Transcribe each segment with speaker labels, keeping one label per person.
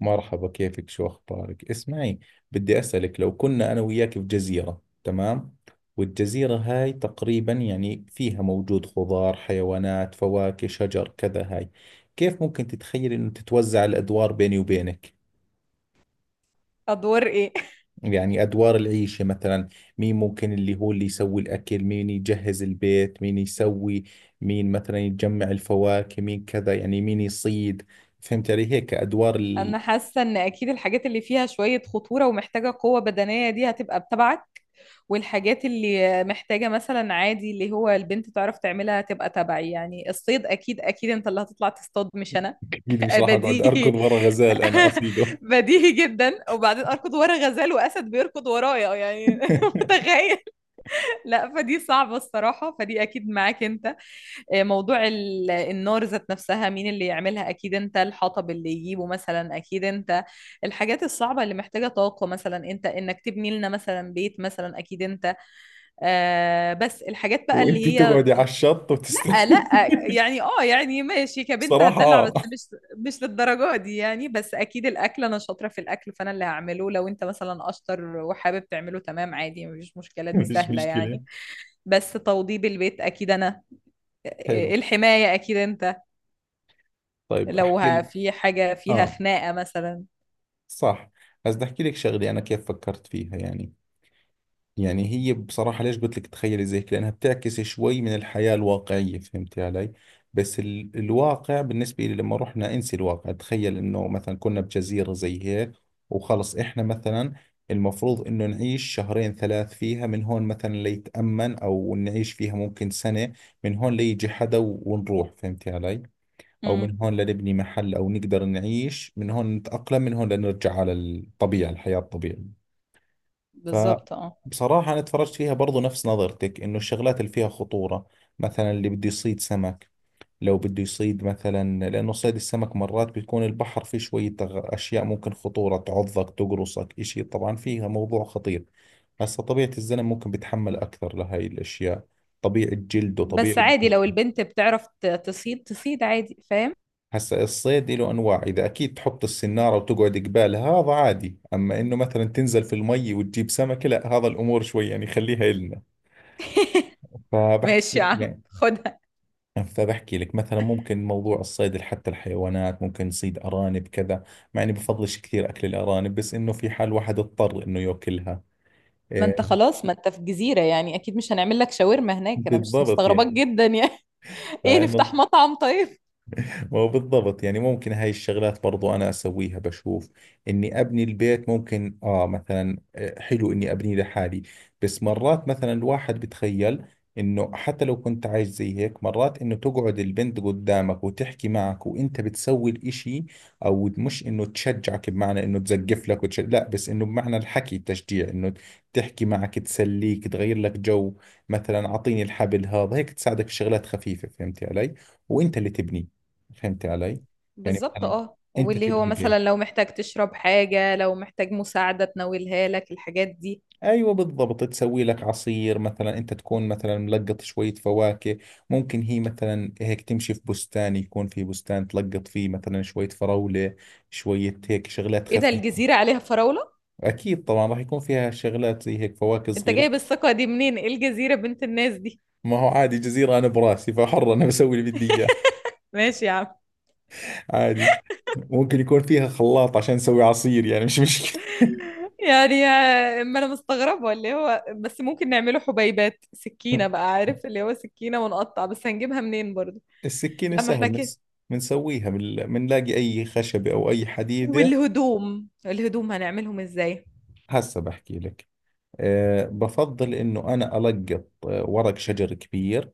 Speaker 1: مرحبا، كيفك؟ شو أخبارك؟ اسمعي، بدي أسألك، لو كنا أنا وياك في جزيرة، تمام؟ والجزيرة هاي تقريبا يعني فيها موجود خضار، حيوانات، فواكه، شجر، كذا. هاي كيف ممكن تتخيل إنه تتوزع الأدوار بيني وبينك؟
Speaker 2: ادوار ايه؟
Speaker 1: يعني أدوار العيشة مثلا، مين ممكن اللي هو اللي يسوي الأكل، مين يجهز البيت، مين يسوي، مين مثلا يجمع الفواكه، مين كذا، يعني مين يصيد. فهمت علي؟ هيك أدوار.
Speaker 2: انا حاسه ان اكيد الحاجات اللي فيها شويه خطوره ومحتاجه قوه بدنيه دي هتبقى بتبعك، والحاجات اللي محتاجه مثلا عادي اللي هو البنت تعرف تعملها هتبقى تبعي. يعني الصيد اكيد اكيد انت اللي هتطلع تصطاد مش انا.
Speaker 1: اكيد مش راح اقعد
Speaker 2: بديهي.
Speaker 1: اركض ورا غزال انا اصيده.
Speaker 2: بديهي جدا. وبعدين اركض ورا غزال واسد بيركض ورايا؟ يعني متخيل. لا فدي صعبه الصراحه، فدي اكيد معاك انت. موضوع النار ذات نفسها مين اللي يعملها؟ اكيد انت. الحطب اللي يجيبه مثلا اكيد انت. الحاجات الصعبة اللي محتاجة طاقة، مثلا انت، انك تبني لنا مثلا بيت مثلا اكيد انت. آه بس الحاجات بقى اللي
Speaker 1: وانت
Speaker 2: هي
Speaker 1: تقعدي على الشط وتستني.
Speaker 2: لا يعني اه يعني ماشي كبنت
Speaker 1: بصراحة
Speaker 2: هتدلع،
Speaker 1: اه.
Speaker 2: بس مش مش للدرجة دي يعني. بس اكيد الاكل انا شاطرة في الاكل، فانا اللي هعمله. لو انت مثلا اشطر وحابب تعمله تمام عادي، مفيش مشكلة دي
Speaker 1: مش
Speaker 2: سهلة
Speaker 1: مشكلة.
Speaker 2: يعني. بس توضيب البيت اكيد انا.
Speaker 1: حلو.
Speaker 2: الحماية اكيد انت.
Speaker 1: طيب
Speaker 2: لو
Speaker 1: احكي لك.
Speaker 2: في حاجة فيها
Speaker 1: اه،
Speaker 2: خناقة مثلا.
Speaker 1: صح. بس بدي احكي لك شغلة انا كيف فكرت فيها يعني. يعني هي بصراحة ليش قلت لك تخيلي زي كذا؟ لأنها بتعكس شوي من الحياة الواقعية. فهمتي علي؟ بس الواقع بالنسبة لي، لما رحنا انسي الواقع، تخيل إنه مثلا كنا بجزيرة زي هيك. وخلص إحنا مثلا، المفروض إنه نعيش شهرين ثلاث فيها، من هون مثلا ليتأمن، أو نعيش فيها ممكن سنة، من هون ليجي حدا ونروح. فهمتي علي؟ أو
Speaker 2: امم
Speaker 1: من هون لنبني محل، أو نقدر نعيش من هون، نتأقلم، من هون لنرجع على الطبيعة، الحياة الطبيعية.
Speaker 2: بالظبط اه.
Speaker 1: فبصراحة أنا اتفرجت فيها برضو نفس نظرتك، إنه الشغلات اللي فيها خطورة، مثلا اللي بده يصيد سمك، لو بده يصيد مثلا، لأنه صيد السمك مرات بيكون البحر فيه شوية أشياء ممكن خطورة، تعضك، تقرصك، إشي طبعا فيها موضوع خطير. هسا طبيعة الزلم ممكن بيتحمل أكثر لهاي الأشياء، طبيعة جلده، طبيعة
Speaker 2: بس عادي لو
Speaker 1: جسمه.
Speaker 2: البنت بتعرف تصيد، تصيد عادي فاهم؟
Speaker 1: هسا الصيد له أنواع، إذا أكيد تحط السنارة وتقعد قبالها، هذا عادي. أما إنه مثلا تنزل في المي وتجيب سمكة، لا، هذا الأمور شوي يعني خليها إلنا. فبحكي
Speaker 2: ماشي يا
Speaker 1: لك
Speaker 2: عم
Speaker 1: يعني
Speaker 2: خدها.
Speaker 1: فبحكي لك مثلا ممكن موضوع الصيد، حتى الحيوانات ممكن نصيد أرانب كذا، مع إني بفضلش كثير أكل الأرانب، بس إنه في حال واحد اضطر إنه يأكلها.
Speaker 2: ما
Speaker 1: إيه،
Speaker 2: انت خلاص ما انت في جزيرة، يعني اكيد مش هنعمل لك شاورما هناك، انا مش
Speaker 1: بالضبط
Speaker 2: مستغرباك
Speaker 1: يعني.
Speaker 2: جدا يعني. ايه
Speaker 1: فإنه
Speaker 2: نفتح مطعم طيب.
Speaker 1: ما هو بالضبط يعني ممكن هاي الشغلات برضو أنا أسويها، بشوف إني أبني البيت ممكن، آه مثلا، حلو إني أبنيه لحالي. بس مرات مثلا الواحد بتخيل إنه حتى لو كنت عايش زي هيك، مرات إنه تقعد البنت قدامك وتحكي معك وإنت بتسوي الإشي. أو مش إنه تشجعك بمعنى إنه تزقف لك لا، بس إنه بمعنى الحكي، التشجيع، إنه تحكي معك، تسليك، تغير لك جو. مثلا أعطيني الحبل هذا، هيك تساعدك في شغلات خفيفة. فهمتي علي؟ وإنت اللي تبني. فهمت علي؟ يعني
Speaker 2: بالظبط
Speaker 1: مثلا
Speaker 2: اه.
Speaker 1: انت
Speaker 2: واللي هو
Speaker 1: تبني بيت،
Speaker 2: مثلا لو محتاج تشرب حاجة، لو محتاج مساعدة تناولها لك، الحاجات دي.
Speaker 1: ايوه بالضبط، تسوي لك عصير مثلا، انت تكون مثلا ملقط شوية فواكه. ممكن هي مثلا هيك تمشي في بستان، يكون في بستان تلقط فيه مثلا شوية فراولة، شوية هيك شغلات
Speaker 2: ايه ده
Speaker 1: خفيفة.
Speaker 2: الجزيرة عليها فراولة؟
Speaker 1: اكيد طبعا راح يكون فيها شغلات زي هيك، فواكه
Speaker 2: انت
Speaker 1: صغيرة.
Speaker 2: جايب الثقة دي منين؟ ايه الجزيرة بنت الناس دي؟
Speaker 1: ما هو عادي، جزيرة انا براسي، فحر انا بسوي اللي بدي اياه.
Speaker 2: ماشي يا عم.
Speaker 1: عادي. ممكن يكون فيها خلاط عشان اسوي عصير، يعني مش مشكلة.
Speaker 2: يعني ما انا مستغربه، اللي هو بس ممكن نعمله حبيبات سكينه بقى، عارف اللي هو سكينه ونقطع، بس هنجيبها منين برضو؟
Speaker 1: السكينة
Speaker 2: لا ما احنا
Speaker 1: سهل
Speaker 2: كده.
Speaker 1: بنسويها بنلاقي أي خشبة أو أي حديدة.
Speaker 2: والهدوم، الهدوم هنعملهم ازاي؟
Speaker 1: هسا بحكي لك. أه، بفضل إنه أنا ألقط، ورق شجر كبير،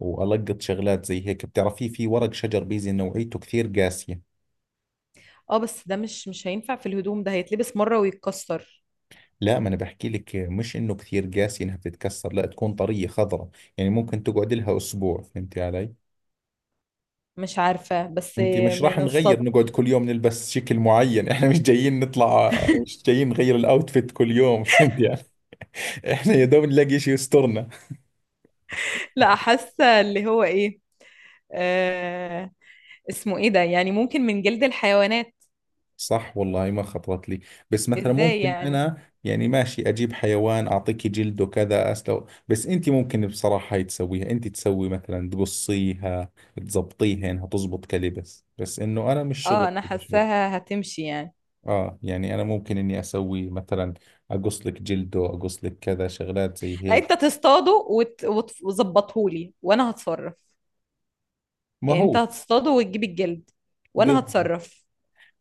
Speaker 1: وألقط شغلات زي هيك. بتعرفي في ورق شجر بيزي نوعيته كثير قاسية.
Speaker 2: اه بس ده مش مش هينفع في الهدوم، ده هيتلبس مره ويتكسر.
Speaker 1: لا، ما أنا بحكي لك، مش إنه كثير قاسية إنها بتتكسر، لا تكون طرية خضراء. يعني ممكن تقعد لها أسبوع. فهمتي علي؟
Speaker 2: مش عارفه بس.
Speaker 1: انت مش
Speaker 2: ما
Speaker 1: راح نغير،
Speaker 2: نصطاد.
Speaker 1: نقعد كل يوم نلبس شكل معين. احنا مش جايين نطلع، مش جايين نغير الاوتفيت كل يوم. فهمتي. احنا يا دوب نلاقي شيء يسترنا.
Speaker 2: لا حاسه اللي هو ايه. آه، اسمه ايه ده، يعني ممكن من جلد الحيوانات.
Speaker 1: صح والله، ما خطرت لي. بس مثلا
Speaker 2: ازاي
Speaker 1: ممكن
Speaker 2: يعني؟
Speaker 1: انا يعني ماشي اجيب حيوان اعطيكي جلده كذا اسلو، بس انت ممكن بصراحة هاي تسويها، انت تسوي مثلا تقصيها، تزبطيها انها تزبط كلبس، بس انه انا مش شغل
Speaker 2: اه انا
Speaker 1: بشوف.
Speaker 2: حاساها هتمشي يعني.
Speaker 1: اه يعني انا ممكن اني اسوي مثلا، اقص لك جلده، اقص لك كذا شغلات زي
Speaker 2: لا
Speaker 1: هيك.
Speaker 2: انت وتظبطهولي وانا هتصرف.
Speaker 1: ما
Speaker 2: يعني انت
Speaker 1: هو،
Speaker 2: هتصطاده وتجيب الجلد وانا
Speaker 1: بالضبط.
Speaker 2: هتصرف.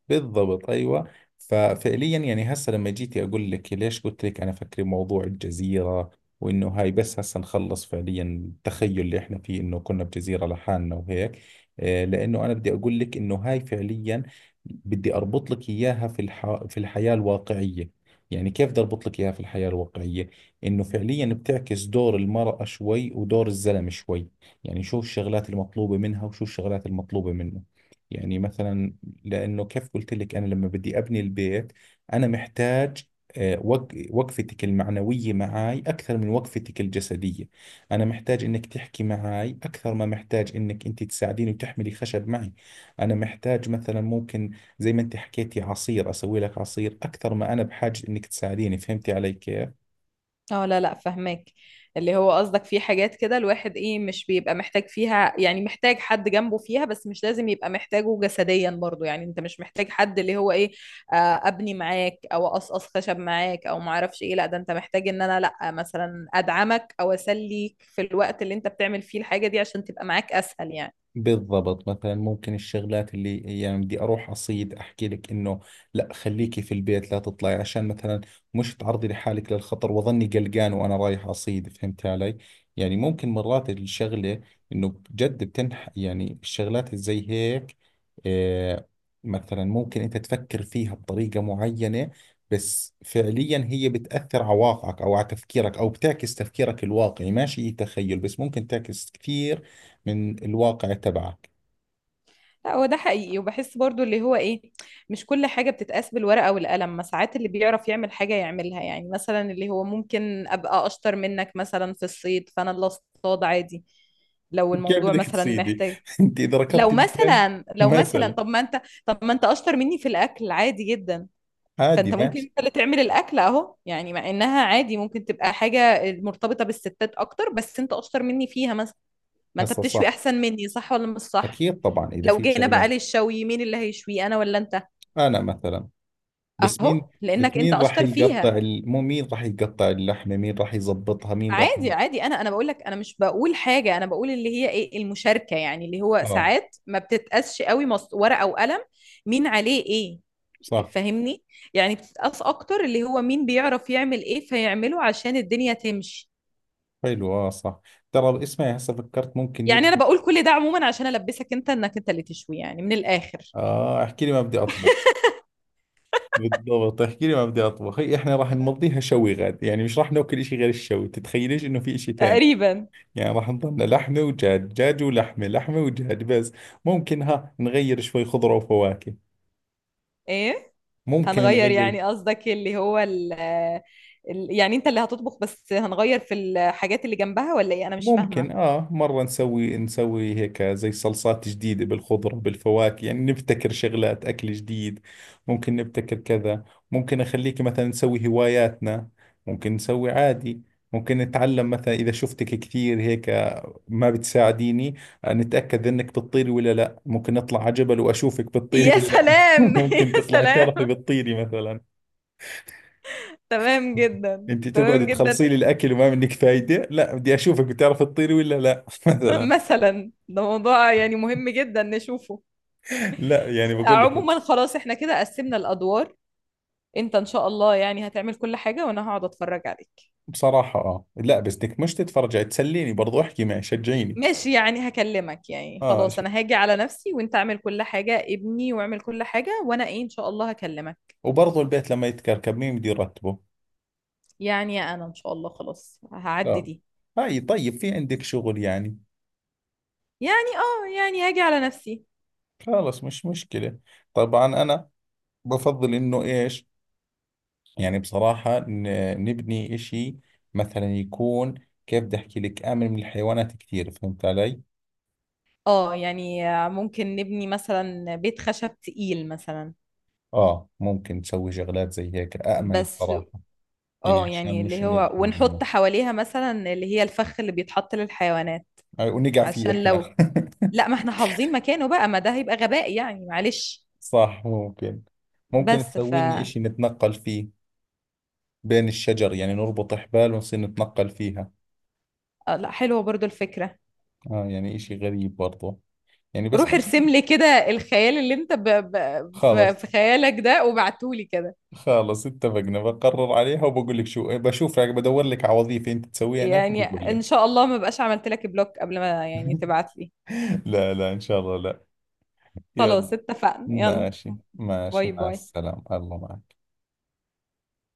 Speaker 1: بالضبط ايوه. ففعليا يعني هسه لما جيتي اقول لك ليش قلت لك انا فكري موضوع الجزيره، وانه هاي بس هسه نخلص فعليا التخيل اللي احنا فيه، انه كنا بجزيره لحالنا وهيك. لانه انا بدي اقول لك انه هاي فعليا بدي اربط لك اياها في في الحياه الواقعيه. يعني كيف بدي اربط لك اياها في الحياه الواقعيه؟ انه فعليا بتعكس دور المراه شوي، ودور الزلمه شوي. يعني شو الشغلات المطلوبه منها، وشو الشغلات المطلوبه منه. يعني مثلا، لأنه كيف قلت لك أنا لما بدي أبني البيت، أنا محتاج، وقفتك المعنوية معاي أكثر من وقفتك الجسدية. أنا محتاج إنك تحكي معاي أكثر ما محتاج إنك أنت تساعديني وتحملي خشب معي. أنا محتاج مثلا ممكن، زي ما أنت حكيتي عصير، أسوي لك عصير أكثر ما أنا بحاجة إنك تساعديني. فهمتي علي كيف؟
Speaker 2: اه لا لا فهماك. اللي هو قصدك في حاجات كده الواحد ايه مش بيبقى محتاج فيها، يعني محتاج حد جنبه فيها بس مش لازم يبقى محتاجه جسديا برضه. يعني انت مش محتاج حد اللي هو ايه، آه، ابني معاك او اقصقص خشب معاك او معرفش ايه. لا ده انت محتاج ان انا لا مثلا ادعمك او اسليك في الوقت اللي انت بتعمل فيه الحاجة دي عشان تبقى معاك اسهل يعني.
Speaker 1: بالضبط. مثلا ممكن الشغلات اللي يعني بدي اروح اصيد، احكي لك انه لا، خليكي في البيت لا تطلعي، عشان مثلا مش تعرضي لحالك للخطر واظني قلقان وانا رايح اصيد. فهمت علي؟ يعني ممكن مرات الشغلة انه جد بتنح يعني الشغلات زي هيك. آه، مثلا ممكن انت تفكر فيها بطريقة معينة، بس فعليا هي بتأثر على واقعك او على تفكيرك، او بتعكس تفكيرك الواقعي. ماشي، تخيل، بس ممكن تعكس كثير من الواقع تبعك.
Speaker 2: لا هو ده حقيقي. وبحس برضو اللي هو ايه، مش كل حاجة بتتقاس بالورقة والقلم، ما ساعات اللي بيعرف يعمل حاجة يعملها. يعني مثلا اللي هو ممكن ابقى اشطر منك مثلا في الصيد، فانا اللي اصطاد عادي. لو
Speaker 1: كيف
Speaker 2: الموضوع
Speaker 1: بدك
Speaker 2: مثلا
Speaker 1: تصيدي؟
Speaker 2: محتاج.
Speaker 1: انت اذا
Speaker 2: لو
Speaker 1: ركضتي مثلا.
Speaker 2: مثلا لو مثلا
Speaker 1: مثلا
Speaker 2: طب ما انت اشطر مني في الاكل عادي جدا،
Speaker 1: عادي،
Speaker 2: فانت ممكن
Speaker 1: ماشي.
Speaker 2: انت اللي تعمل الاكل اهو يعني. مع انها عادي ممكن تبقى حاجة مرتبطة بالستات اكتر بس انت اشطر مني فيها مثلا. ما انت
Speaker 1: هسه
Speaker 2: بتشوي
Speaker 1: صح،
Speaker 2: احسن مني، صح ولا مش صح؟
Speaker 1: اكيد طبعا اذا
Speaker 2: لو
Speaker 1: في
Speaker 2: جينا
Speaker 1: شغله.
Speaker 2: بقى للشوي مين اللي هيشوي، انا ولا انت؟
Speaker 1: انا مثلا، بس
Speaker 2: اهو
Speaker 1: مين بس
Speaker 2: لانك انت
Speaker 1: مين راح
Speaker 2: اشطر
Speaker 1: يقطع
Speaker 2: فيها.
Speaker 1: مو مين راح يقطع اللحمه، مين راح يزبطها، مين راح.
Speaker 2: عادي عادي. انا بقول لك انا مش بقول حاجه، انا بقول اللي هي ايه المشاركه، يعني اللي هو
Speaker 1: اه
Speaker 2: ساعات ما بتتقاسش قوي ورقه وقلم مين عليه ايه.
Speaker 1: صح.
Speaker 2: فاهمني؟ يعني بتتقاس اكتر اللي هو مين بيعرف يعمل ايه فيعمله عشان الدنيا تمشي.
Speaker 1: حلو، اه صح. ترى اسمعي، هسه فكرت ممكن
Speaker 2: يعني انا
Speaker 1: نبدا.
Speaker 2: بقول كل ده عموما عشان البسك انت انك انت اللي تشوي يعني من الاخر.
Speaker 1: اه، احكي لي، ما بدي اطبخ. بالضبط، احكي لي ما بدي اطبخ. هي احنا راح نمضيها شوي غاد، يعني مش راح ناكل اشي غير الشوي، تتخيليش انه في اشي ثاني.
Speaker 2: تقريبا.
Speaker 1: يعني راح نضلنا لحمة ودجاج، دجاج ولحمة، لحمة ودجاج بس. ممكن ها نغير شوي خضرة وفواكه،
Speaker 2: ايه.
Speaker 1: ممكن على كيف
Speaker 2: هنغير
Speaker 1: نغير.
Speaker 2: يعني قصدك اللي هو يعني انت اللي هتطبخ بس هنغير في الحاجات اللي جنبها ولا ايه؟ انا مش فاهمة.
Speaker 1: ممكن آه مرة نسوي هيك زي صلصات جديدة بالخضرة بالفواكه، يعني نبتكر شغلات أكل جديد. ممكن نبتكر كذا. ممكن أخليك مثلا نسوي هواياتنا. ممكن نسوي عادي. ممكن نتعلم مثلا إذا شفتك كثير هيك ما بتساعديني، نتأكد انك بتطيري ولا لا. ممكن اطلع على جبل واشوفك بتطيري
Speaker 2: يا
Speaker 1: ولا لا.
Speaker 2: سلام يا
Speaker 1: ممكن تطلعي
Speaker 2: سلام.
Speaker 1: تعرفي بتطيري مثلا.
Speaker 2: تمام جدا
Speaker 1: انت تقعدي
Speaker 2: تمام جدا.
Speaker 1: تخلصي لي الاكل وما منك فايدة، لا بدي اشوفك بتعرفي تطيري ولا لا. مثلا.
Speaker 2: مثلا ده موضوع يعني مهم جدا نشوفه.
Speaker 1: لا يعني بقول لك.
Speaker 2: عموما خلاص احنا كده قسمنا الادوار. انت ان شاء الله يعني هتعمل كل حاجة وانا هقعد اتفرج عليك.
Speaker 1: بصراحة اه، لا بس بدك مش تتفرجي، تسليني برضو، احكي معي، شجعيني.
Speaker 2: ماشي يعني هكلمك. يعني
Speaker 1: اه
Speaker 2: خلاص
Speaker 1: شيء،
Speaker 2: انا هاجي على نفسي وانت اعمل كل حاجة، ابني واعمل كل حاجة، وانا ايه ان شاء الله هكلمك.
Speaker 1: وبرضو البيت لما يتكركب مين بده يرتبه؟
Speaker 2: يعني انا ان شاء الله خلاص هعدي
Speaker 1: خلاص.
Speaker 2: دي.
Speaker 1: هاي طيب في عندك شغل يعني.
Speaker 2: يعني اه يعني هاجي على نفسي.
Speaker 1: خلاص، مش مشكلة. طبعا انا بفضل انه ايش، يعني بصراحة نبني إشي مثلا يكون، كيف بدي أحكي لك، آمن من الحيوانات كثير. فهمت علي؟
Speaker 2: اه يعني ممكن نبني مثلا بيت خشب تقيل مثلا.
Speaker 1: آه ممكن تسوي شغلات زي هيك آمن
Speaker 2: بس
Speaker 1: بصراحة، يعني
Speaker 2: اه
Speaker 1: عشان
Speaker 2: يعني
Speaker 1: مش
Speaker 2: اللي
Speaker 1: إنه
Speaker 2: هو
Speaker 1: يدخل منه.
Speaker 2: ونحط حواليها مثلا اللي هي الفخ اللي بيتحط للحيوانات
Speaker 1: ونقع فيه
Speaker 2: عشان
Speaker 1: إحنا.
Speaker 2: لو. لا ما احنا حافظين مكانه بقى، ما ده هيبقى غباء يعني معلش.
Speaker 1: صح، ممكن. ممكن
Speaker 2: بس ف.
Speaker 1: تسوي لنا إشي نتنقل فيه بين الشجر، يعني نربط حبال ونصير نتنقل فيها.
Speaker 2: لا حلوة برضو الفكرة.
Speaker 1: آه يعني إشي غريب برضه، يعني بس.
Speaker 2: روح ارسم لي كده الخيال اللي انت في
Speaker 1: خلص.
Speaker 2: في خيالك ده وبعتولي كده.
Speaker 1: خلص اتفقنا، بقرر عليها وبقول لك، شو بشوف، بدور لك على وظيفة انت تسويها هناك
Speaker 2: يعني
Speaker 1: وبقول
Speaker 2: ان
Speaker 1: لك.
Speaker 2: شاء الله ما بقاش عملت لك بلوك قبل ما يعني تبعت لي.
Speaker 1: لا لا إن شاء الله لا. يلا.
Speaker 2: خلاص اتفقنا يلا.
Speaker 1: ماشي ماشي،
Speaker 2: باي
Speaker 1: مع
Speaker 2: باي.
Speaker 1: السلامة، الله معك.